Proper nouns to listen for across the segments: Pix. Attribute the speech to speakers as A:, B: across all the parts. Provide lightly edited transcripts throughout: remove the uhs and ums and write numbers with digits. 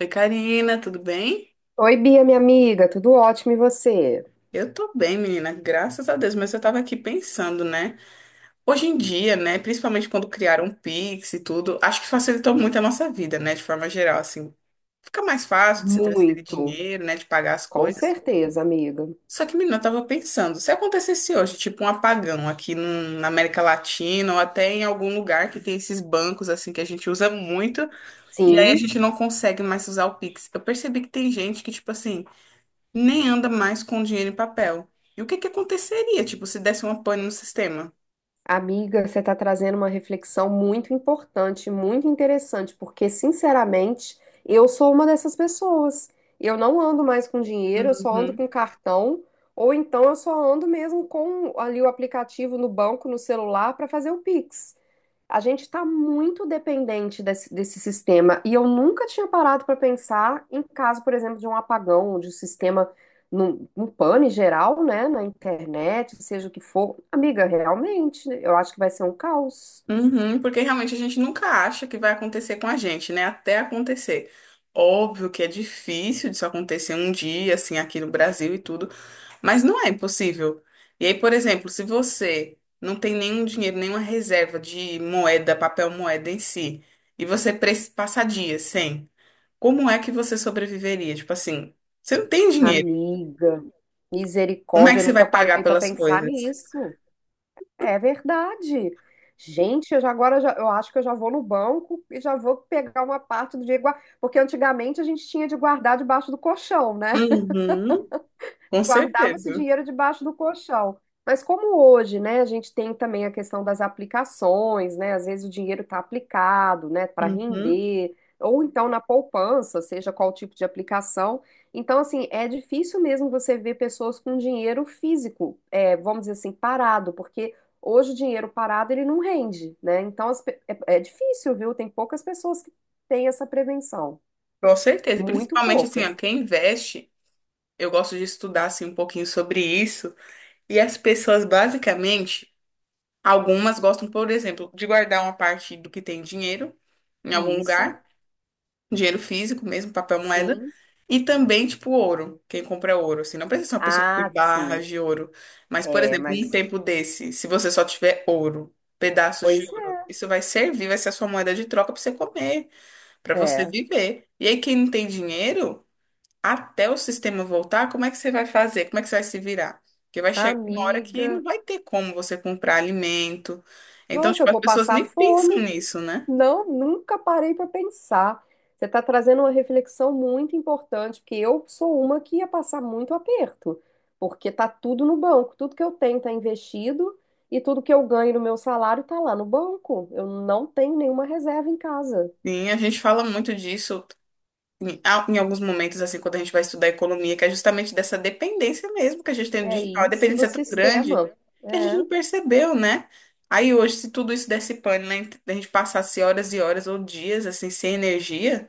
A: Oi, Karina, tudo bem?
B: Oi, Bia, minha amiga, tudo ótimo e você?
A: Eu tô bem, menina, graças a Deus, mas eu tava aqui pensando, né? Hoje em dia, né, principalmente quando criaram o Pix e tudo, acho que facilitou muito a nossa vida, né, de forma geral, assim. Fica mais fácil de se transferir
B: Muito,
A: dinheiro, né, de pagar as
B: com
A: coisas.
B: certeza, amiga.
A: Só que, menina, eu tava pensando, se acontecesse hoje, tipo um apagão aqui na América Latina ou até em algum lugar que tem esses bancos, assim, que a gente usa muito, e aí a
B: Sim,
A: gente não consegue mais usar o Pix. Eu percebi que tem gente que, tipo assim, nem anda mais com dinheiro em papel. E o que que aconteceria, tipo, se desse uma pane no sistema?
B: amiga, você está trazendo uma reflexão muito importante, muito interessante, porque, sinceramente, eu sou uma dessas pessoas. Eu não ando mais com dinheiro, eu só ando
A: Uhum.
B: com cartão, ou então eu só ando mesmo com ali o aplicativo no banco, no celular, para fazer o Pix. A gente está muito dependente desse sistema e eu nunca tinha parado para pensar em caso, por exemplo, de um apagão, de um sistema, um pane geral, né, na internet, seja o que for. Amiga, realmente, né, eu acho que vai ser um caos.
A: Uhum, porque realmente a gente nunca acha que vai acontecer com a gente, né? Até acontecer. Óbvio que é difícil disso acontecer um dia, assim, aqui no Brasil e tudo, mas não é impossível. E aí, por exemplo, se você não tem nenhum dinheiro, nenhuma reserva de moeda, papel moeda em si, e você passar dias sem, como é que você sobreviveria? Tipo assim, você não tem dinheiro.
B: Amiga,
A: Como é
B: misericórdia,
A: que
B: eu
A: você
B: nunca
A: vai
B: parei
A: pagar
B: para
A: pelas
B: pensar
A: coisas?
B: nisso. É verdade. Gente, eu acho que eu já vou no banco e já vou pegar uma parte do dinheiro, porque antigamente a gente tinha de guardar debaixo do colchão, né?
A: Uhum, com
B: Guardava esse
A: certeza.
B: dinheiro debaixo do colchão. Mas como hoje, né, a gente tem também a questão das aplicações, né? Às vezes o dinheiro está aplicado, né, para
A: Uhum,
B: render, ou então na poupança, seja qual tipo de aplicação. Então, assim, é difícil mesmo você ver pessoas com dinheiro físico, é, vamos dizer assim, parado, porque hoje o dinheiro parado ele não rende, né? Então, é difícil, viu? Tem poucas pessoas que têm essa prevenção,
A: com certeza.
B: muito
A: Principalmente assim,
B: poucas.
A: ó, quem investe, eu gosto de estudar assim um pouquinho sobre isso. E as pessoas basicamente, algumas gostam, por exemplo, de guardar uma parte do que tem dinheiro em algum
B: Isso,
A: lugar. Dinheiro físico mesmo, papel moeda,
B: sim.
A: e também, tipo, ouro, quem compra é ouro, assim, não precisa ser uma pessoa que
B: Ah,
A: tem
B: sim.
A: barras de ouro, mas, por
B: É,
A: exemplo, em um
B: mas,
A: tempo desse, se você só tiver ouro, pedaços de
B: pois
A: ouro, isso vai servir, vai ser a sua moeda de troca para você comer, para
B: é,
A: você
B: é.
A: viver. E aí, quem não tem dinheiro, até o sistema voltar, como é que você vai fazer? Como é que você vai se virar? Porque vai chegar uma hora que
B: Amiga,
A: não vai ter como você comprar alimento. Então,
B: nossa, eu
A: tipo, as
B: vou
A: pessoas
B: passar
A: nem pensam
B: fome.
A: nisso, né?
B: Não, nunca parei para pensar. Você está trazendo uma reflexão muito importante, porque eu sou uma que ia passar muito aperto, porque tá tudo no banco, tudo que eu tenho está investido e tudo que eu ganho no meu salário está lá no banco. Eu não tenho nenhuma reserva em casa.
A: Sim, a gente fala muito disso. Em alguns momentos, assim, quando a gente vai estudar economia, que é justamente dessa dependência mesmo que a gente tem do
B: É
A: digital, a
B: isso do
A: dependência é tão grande
B: sistema.
A: que a gente
B: É,
A: não percebeu, né? Aí hoje, se tudo isso desse pane, né, a gente passasse horas e horas ou dias, assim, sem energia,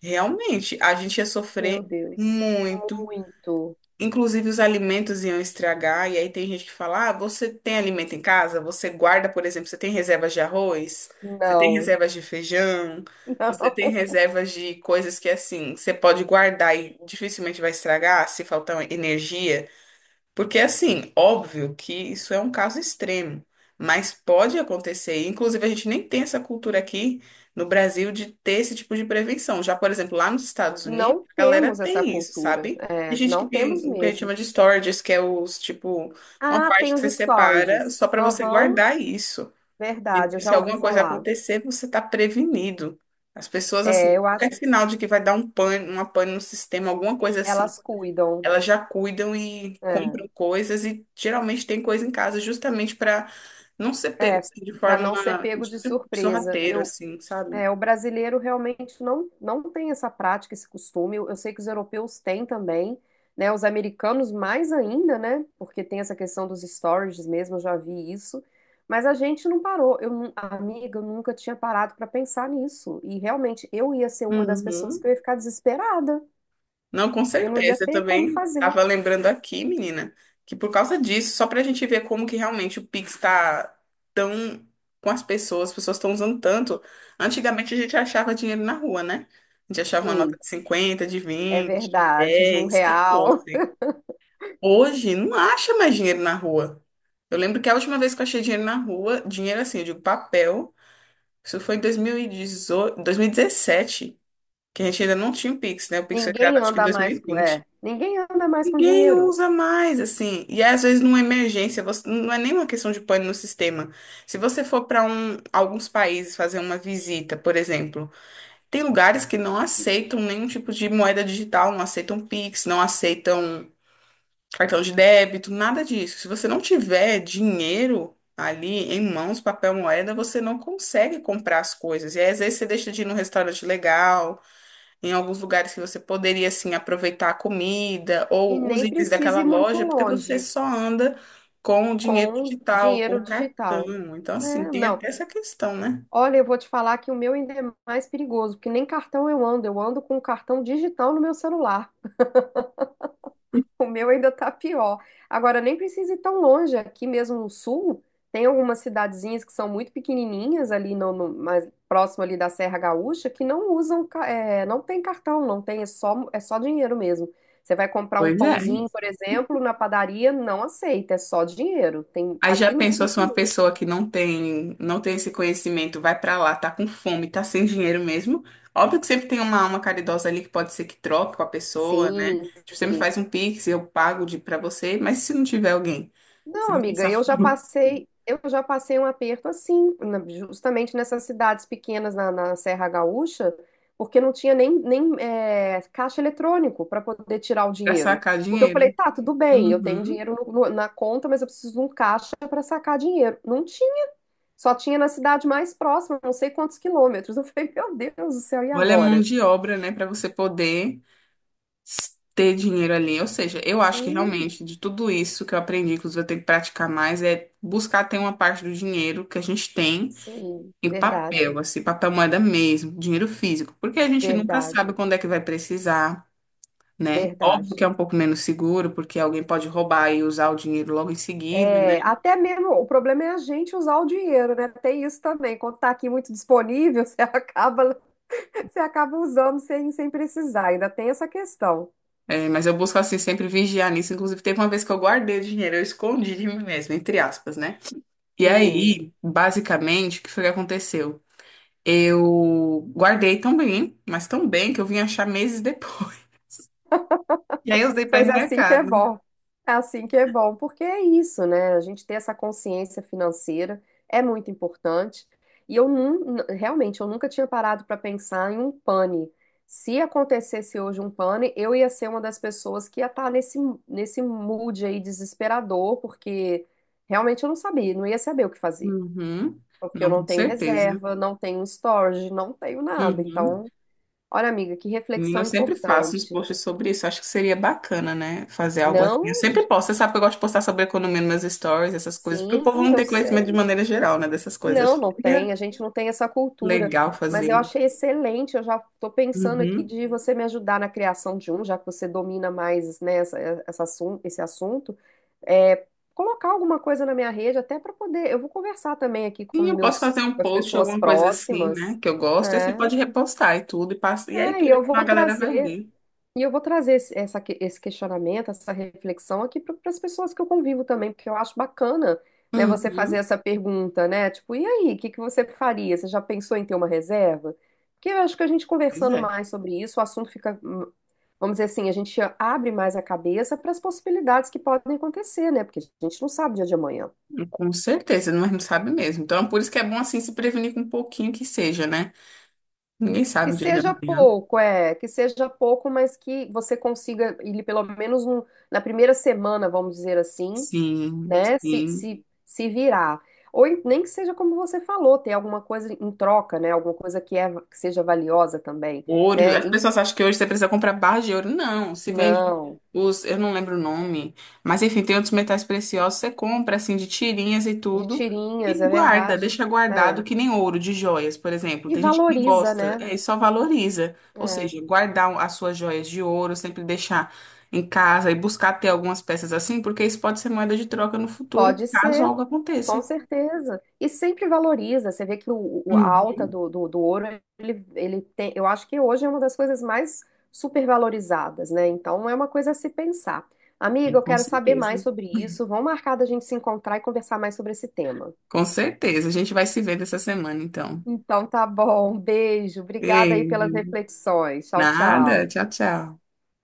A: realmente, a gente ia
B: meu
A: sofrer
B: Deus.
A: muito.
B: Muito.
A: Inclusive, os alimentos iam estragar, e aí tem gente que fala: ah, você tem alimento em casa? Você guarda, por exemplo, você tem reservas de arroz? Você tem
B: Não,
A: reservas de feijão? Você tem
B: não.
A: reservas de coisas que, assim, você pode guardar e dificilmente vai estragar se faltar energia? Porque, assim, óbvio que isso é um caso extremo, mas pode acontecer. Inclusive, a gente nem tem essa cultura aqui no Brasil de ter esse tipo de prevenção. Já, por exemplo, lá nos Estados Unidos,
B: Não
A: a galera
B: temos essa
A: tem isso,
B: cultura.
A: sabe?
B: É,
A: Tem gente que
B: não
A: tem
B: temos
A: o que a gente
B: mesmo.
A: chama de storages, que é os, tipo, uma
B: Ah, tem
A: parte que
B: os
A: você separa
B: stories.
A: só para você
B: Aham,
A: guardar isso.
B: verdade, eu
A: E se
B: já ouvi
A: alguma coisa
B: falar.
A: acontecer, você está prevenido. As pessoas,
B: É,
A: assim,
B: eu acho
A: qualquer
B: que
A: sinal de que vai dar um pane, uma pane no sistema, alguma coisa assim
B: elas cuidam.
A: elas já cuidam e compram coisas e geralmente tem coisa em casa justamente para não ser
B: É,
A: pego
B: é,
A: assim, de
B: para
A: forma
B: não ser pego
A: de
B: de surpresa.
A: sorrateiro,
B: Eu,
A: assim, sabe?
B: é, o brasileiro realmente não tem essa prática, esse costume. Eu sei que os europeus têm também, né? Os americanos mais ainda, né? Porque tem essa questão dos storages mesmo, eu já vi isso. Mas a gente não parou. Amiga, eu nunca tinha parado para pensar nisso. E realmente eu ia ser uma das pessoas que
A: Uhum.
B: eu ia ficar desesperada.
A: Não, com
B: Eu não ia
A: certeza. Eu
B: ter como
A: também
B: fazer.
A: estava lembrando aqui, menina, que por causa disso, só para a gente ver como que realmente o Pix está tão com as pessoas estão usando tanto. Antigamente a gente achava dinheiro na rua, né? A gente achava uma nota
B: Sim,
A: de 50, de
B: é
A: 20, de
B: verdade, de um
A: 10, que
B: real.
A: fosse. Hoje não acha mais dinheiro na rua. Eu lembro que a última vez que eu achei dinheiro na rua, dinheiro assim, eu digo papel, isso foi em 2018, 2017, que a gente ainda não tinha o Pix, né? O Pix foi criado
B: Ninguém
A: acho que em
B: anda mais com,
A: 2020.
B: é, ninguém anda mais com
A: Ninguém
B: dinheiro.
A: usa mais, assim. E às vezes, numa emergência, você, não é nenhuma questão de pane no sistema. Se você for para um, alguns países fazer uma visita, por exemplo, tem lugares que não aceitam nenhum tipo de moeda digital, não aceitam Pix, não aceitam cartão de débito, nada disso. Se você não tiver dinheiro ali em mãos, papel, moeda, você não consegue comprar as coisas. E aí, às vezes você deixa de ir num restaurante legal, em alguns lugares que você poderia assim aproveitar a comida
B: E
A: ou os
B: nem
A: itens
B: precisa
A: daquela
B: ir muito
A: loja, porque você
B: longe.
A: só anda com o dinheiro
B: Com
A: digital, com
B: dinheiro
A: o
B: digital.
A: cartão. Então, assim,
B: É,
A: tem
B: não.
A: até essa questão, né?
B: Olha, eu vou te falar que o meu ainda é mais perigoso, porque nem cartão eu ando com um cartão digital no meu celular. O meu ainda tá pior. Agora, nem precisa ir tão longe, aqui mesmo no sul, tem algumas cidadezinhas que são muito pequenininhas ali mais próximo ali da Serra Gaúcha que não usam, é, não tem cartão, não tem, é só dinheiro mesmo. Você vai comprar um
A: Pois é.
B: pãozinho, por exemplo, na padaria, não aceita, é só dinheiro. Tem,
A: Aí
B: aqui
A: já
B: no
A: pensou
B: sul
A: se uma
B: tem isso.
A: pessoa que não tem, não tem esse conhecimento vai pra lá, tá com fome, tá sem dinheiro mesmo? Óbvio que sempre tem uma alma caridosa ali que pode ser que troque com a pessoa, né?
B: Sim,
A: Tipo, você me
B: sim.
A: faz um pix, eu pago de para você, mas e se não tiver alguém, você
B: Não,
A: vai
B: amiga,
A: pensar
B: eu já passei, eu já passei um aperto assim, justamente nessas cidades pequenas na Serra Gaúcha, porque não tinha nem caixa eletrônico para poder tirar o
A: pra
B: dinheiro.
A: sacar
B: Porque eu falei,
A: dinheiro.
B: tá, tudo bem, eu tenho
A: Uhum.
B: dinheiro na conta, mas eu preciso de um caixa para sacar dinheiro. Não tinha, só tinha na cidade mais próxima, não sei quantos quilômetros. Eu falei, meu Deus do céu, e
A: Olha a mão
B: agora?
A: de obra, né, pra você poder ter dinheiro ali. Ou seja, eu acho que
B: Sim,
A: realmente de tudo isso que eu aprendi, inclusive eu tenho que praticar mais, é buscar ter uma parte do dinheiro que a gente tem
B: sim,
A: em
B: verdade,
A: papel, assim, papel moeda mesmo, dinheiro físico, porque a gente nunca sabe
B: verdade,
A: quando é que vai precisar, né? Óbvio que é
B: verdade.
A: um pouco menos seguro, porque alguém pode roubar e usar o dinheiro logo em seguida,
B: É,
A: né?
B: até mesmo, o problema é a gente usar o dinheiro, né? Tem isso também. Quando tá aqui muito disponível, você acaba usando sem precisar. Ainda tem essa questão.
A: É, mas eu busco, assim, sempre vigiar nisso. Inclusive, teve uma vez que eu guardei o dinheiro, eu escondi de mim mesma, entre aspas, né? E
B: Sim.
A: aí, basicamente, o que foi que aconteceu? Eu guardei tão bem, mas tão bem que eu vim achar meses depois. E aí eu usei pra ir
B: Mas
A: no
B: assim que é
A: mercado.
B: bom. É, assim que é bom, porque é isso, né? A gente ter essa consciência financeira é muito importante. E realmente eu nunca tinha parado para pensar em um pane. Se acontecesse hoje um pane, eu ia ser uma das pessoas que ia estar nesse mood aí desesperador, porque realmente eu não sabia, não ia saber o que fazer.
A: Uhum.
B: Porque eu
A: Não,
B: não
A: com
B: tenho
A: certeza.
B: reserva, não tenho storage, não tenho nada.
A: Uhum.
B: Então, olha, amiga, que
A: Menina,
B: reflexão
A: eu sempre faço uns
B: importante.
A: posts sobre isso. Acho que seria bacana, né? Fazer algo assim.
B: Não.
A: Eu sempre posto. Você sabe que eu gosto de postar sobre economia nos meus stories, essas coisas, porque o
B: Sim,
A: povo não
B: eu
A: tem conhecimento de
B: sei.
A: maneira geral, né? Dessas coisas.
B: Não,
A: Acho
B: não
A: que
B: tem,
A: seria
B: a gente não tem essa cultura.
A: legal
B: Mas
A: fazer
B: eu
A: isso.
B: achei excelente, eu já estou pensando aqui
A: Uhum.
B: de você me ajudar na criação de um, já que você domina mais, né, esse assunto. É, colocar alguma coisa na minha rede, até para poder. Eu vou conversar também aqui
A: Sim, eu posso fazer um
B: com as
A: post,
B: pessoas
A: alguma coisa assim, né?
B: próximas.
A: Que eu gosto. Aí você
B: É,
A: pode repostar e tudo, e passa. E aí,
B: é, e
A: querendo,
B: eu
A: ou não, a
B: vou
A: galera vai
B: trazer.
A: ver.
B: E eu vou trazer esse questionamento, essa reflexão aqui para as pessoas que eu convivo também, porque eu acho bacana, né, você fazer
A: Uhum.
B: essa pergunta, né? Tipo, e aí, o que que você faria? Você já pensou em ter uma reserva? Porque eu acho que a gente
A: Pois
B: conversando
A: é.
B: mais sobre isso, o assunto fica, vamos dizer assim, a gente abre mais a cabeça para as possibilidades que podem acontecer, né? Porque a gente não sabe o dia de amanhã.
A: Com certeza, mas não sabe mesmo. Então, por isso que é bom, assim, se prevenir com um pouquinho que seja, né? Ninguém
B: Que
A: sabe o dia de
B: seja
A: amanhã.
B: pouco, é, que seja pouco, mas que você consiga, ele pelo menos na primeira semana, vamos dizer assim,
A: Sim,
B: né? Se,
A: sim.
B: se, se virar. Ou nem que seja como você falou, ter alguma coisa em troca, né? Alguma coisa que seja valiosa também,
A: Ouro.
B: né?
A: As
B: E-
A: pessoas acham que hoje você precisa comprar barra de ouro. Não, se vende
B: não,
A: os, eu não lembro o nome, mas enfim, tem outros metais preciosos, você compra assim de tirinhas e
B: de
A: tudo
B: tirinhas,
A: e
B: é
A: guarda,
B: verdade.
A: deixa guardado
B: É.
A: que nem ouro de joias, por exemplo.
B: E
A: Tem gente que
B: valoriza,
A: gosta,
B: né?
A: é, e só valoriza. Ou seja,
B: É.
A: guardar as suas joias de ouro, sempre deixar em casa e buscar ter algumas peças assim, porque isso pode ser moeda de troca no futuro,
B: Pode
A: caso
B: ser,
A: algo
B: com
A: aconteça.
B: certeza. E sempre valoriza. Você vê que a
A: Uhum.
B: alta do ouro, ele tem, eu acho que hoje é uma das coisas mais supervalorizadas, né? Então é uma coisa a se pensar. Amiga, eu
A: Com
B: quero saber mais
A: certeza.
B: sobre isso. Vamos marcar da gente se encontrar e conversar mais sobre esse tema.
A: Com certeza. A gente vai se vendo essa semana, então.
B: Então tá bom, beijo. Obrigada aí pelas
A: Beijo.
B: reflexões. Tchau,
A: Nada.
B: tchau.
A: Tchau, tchau.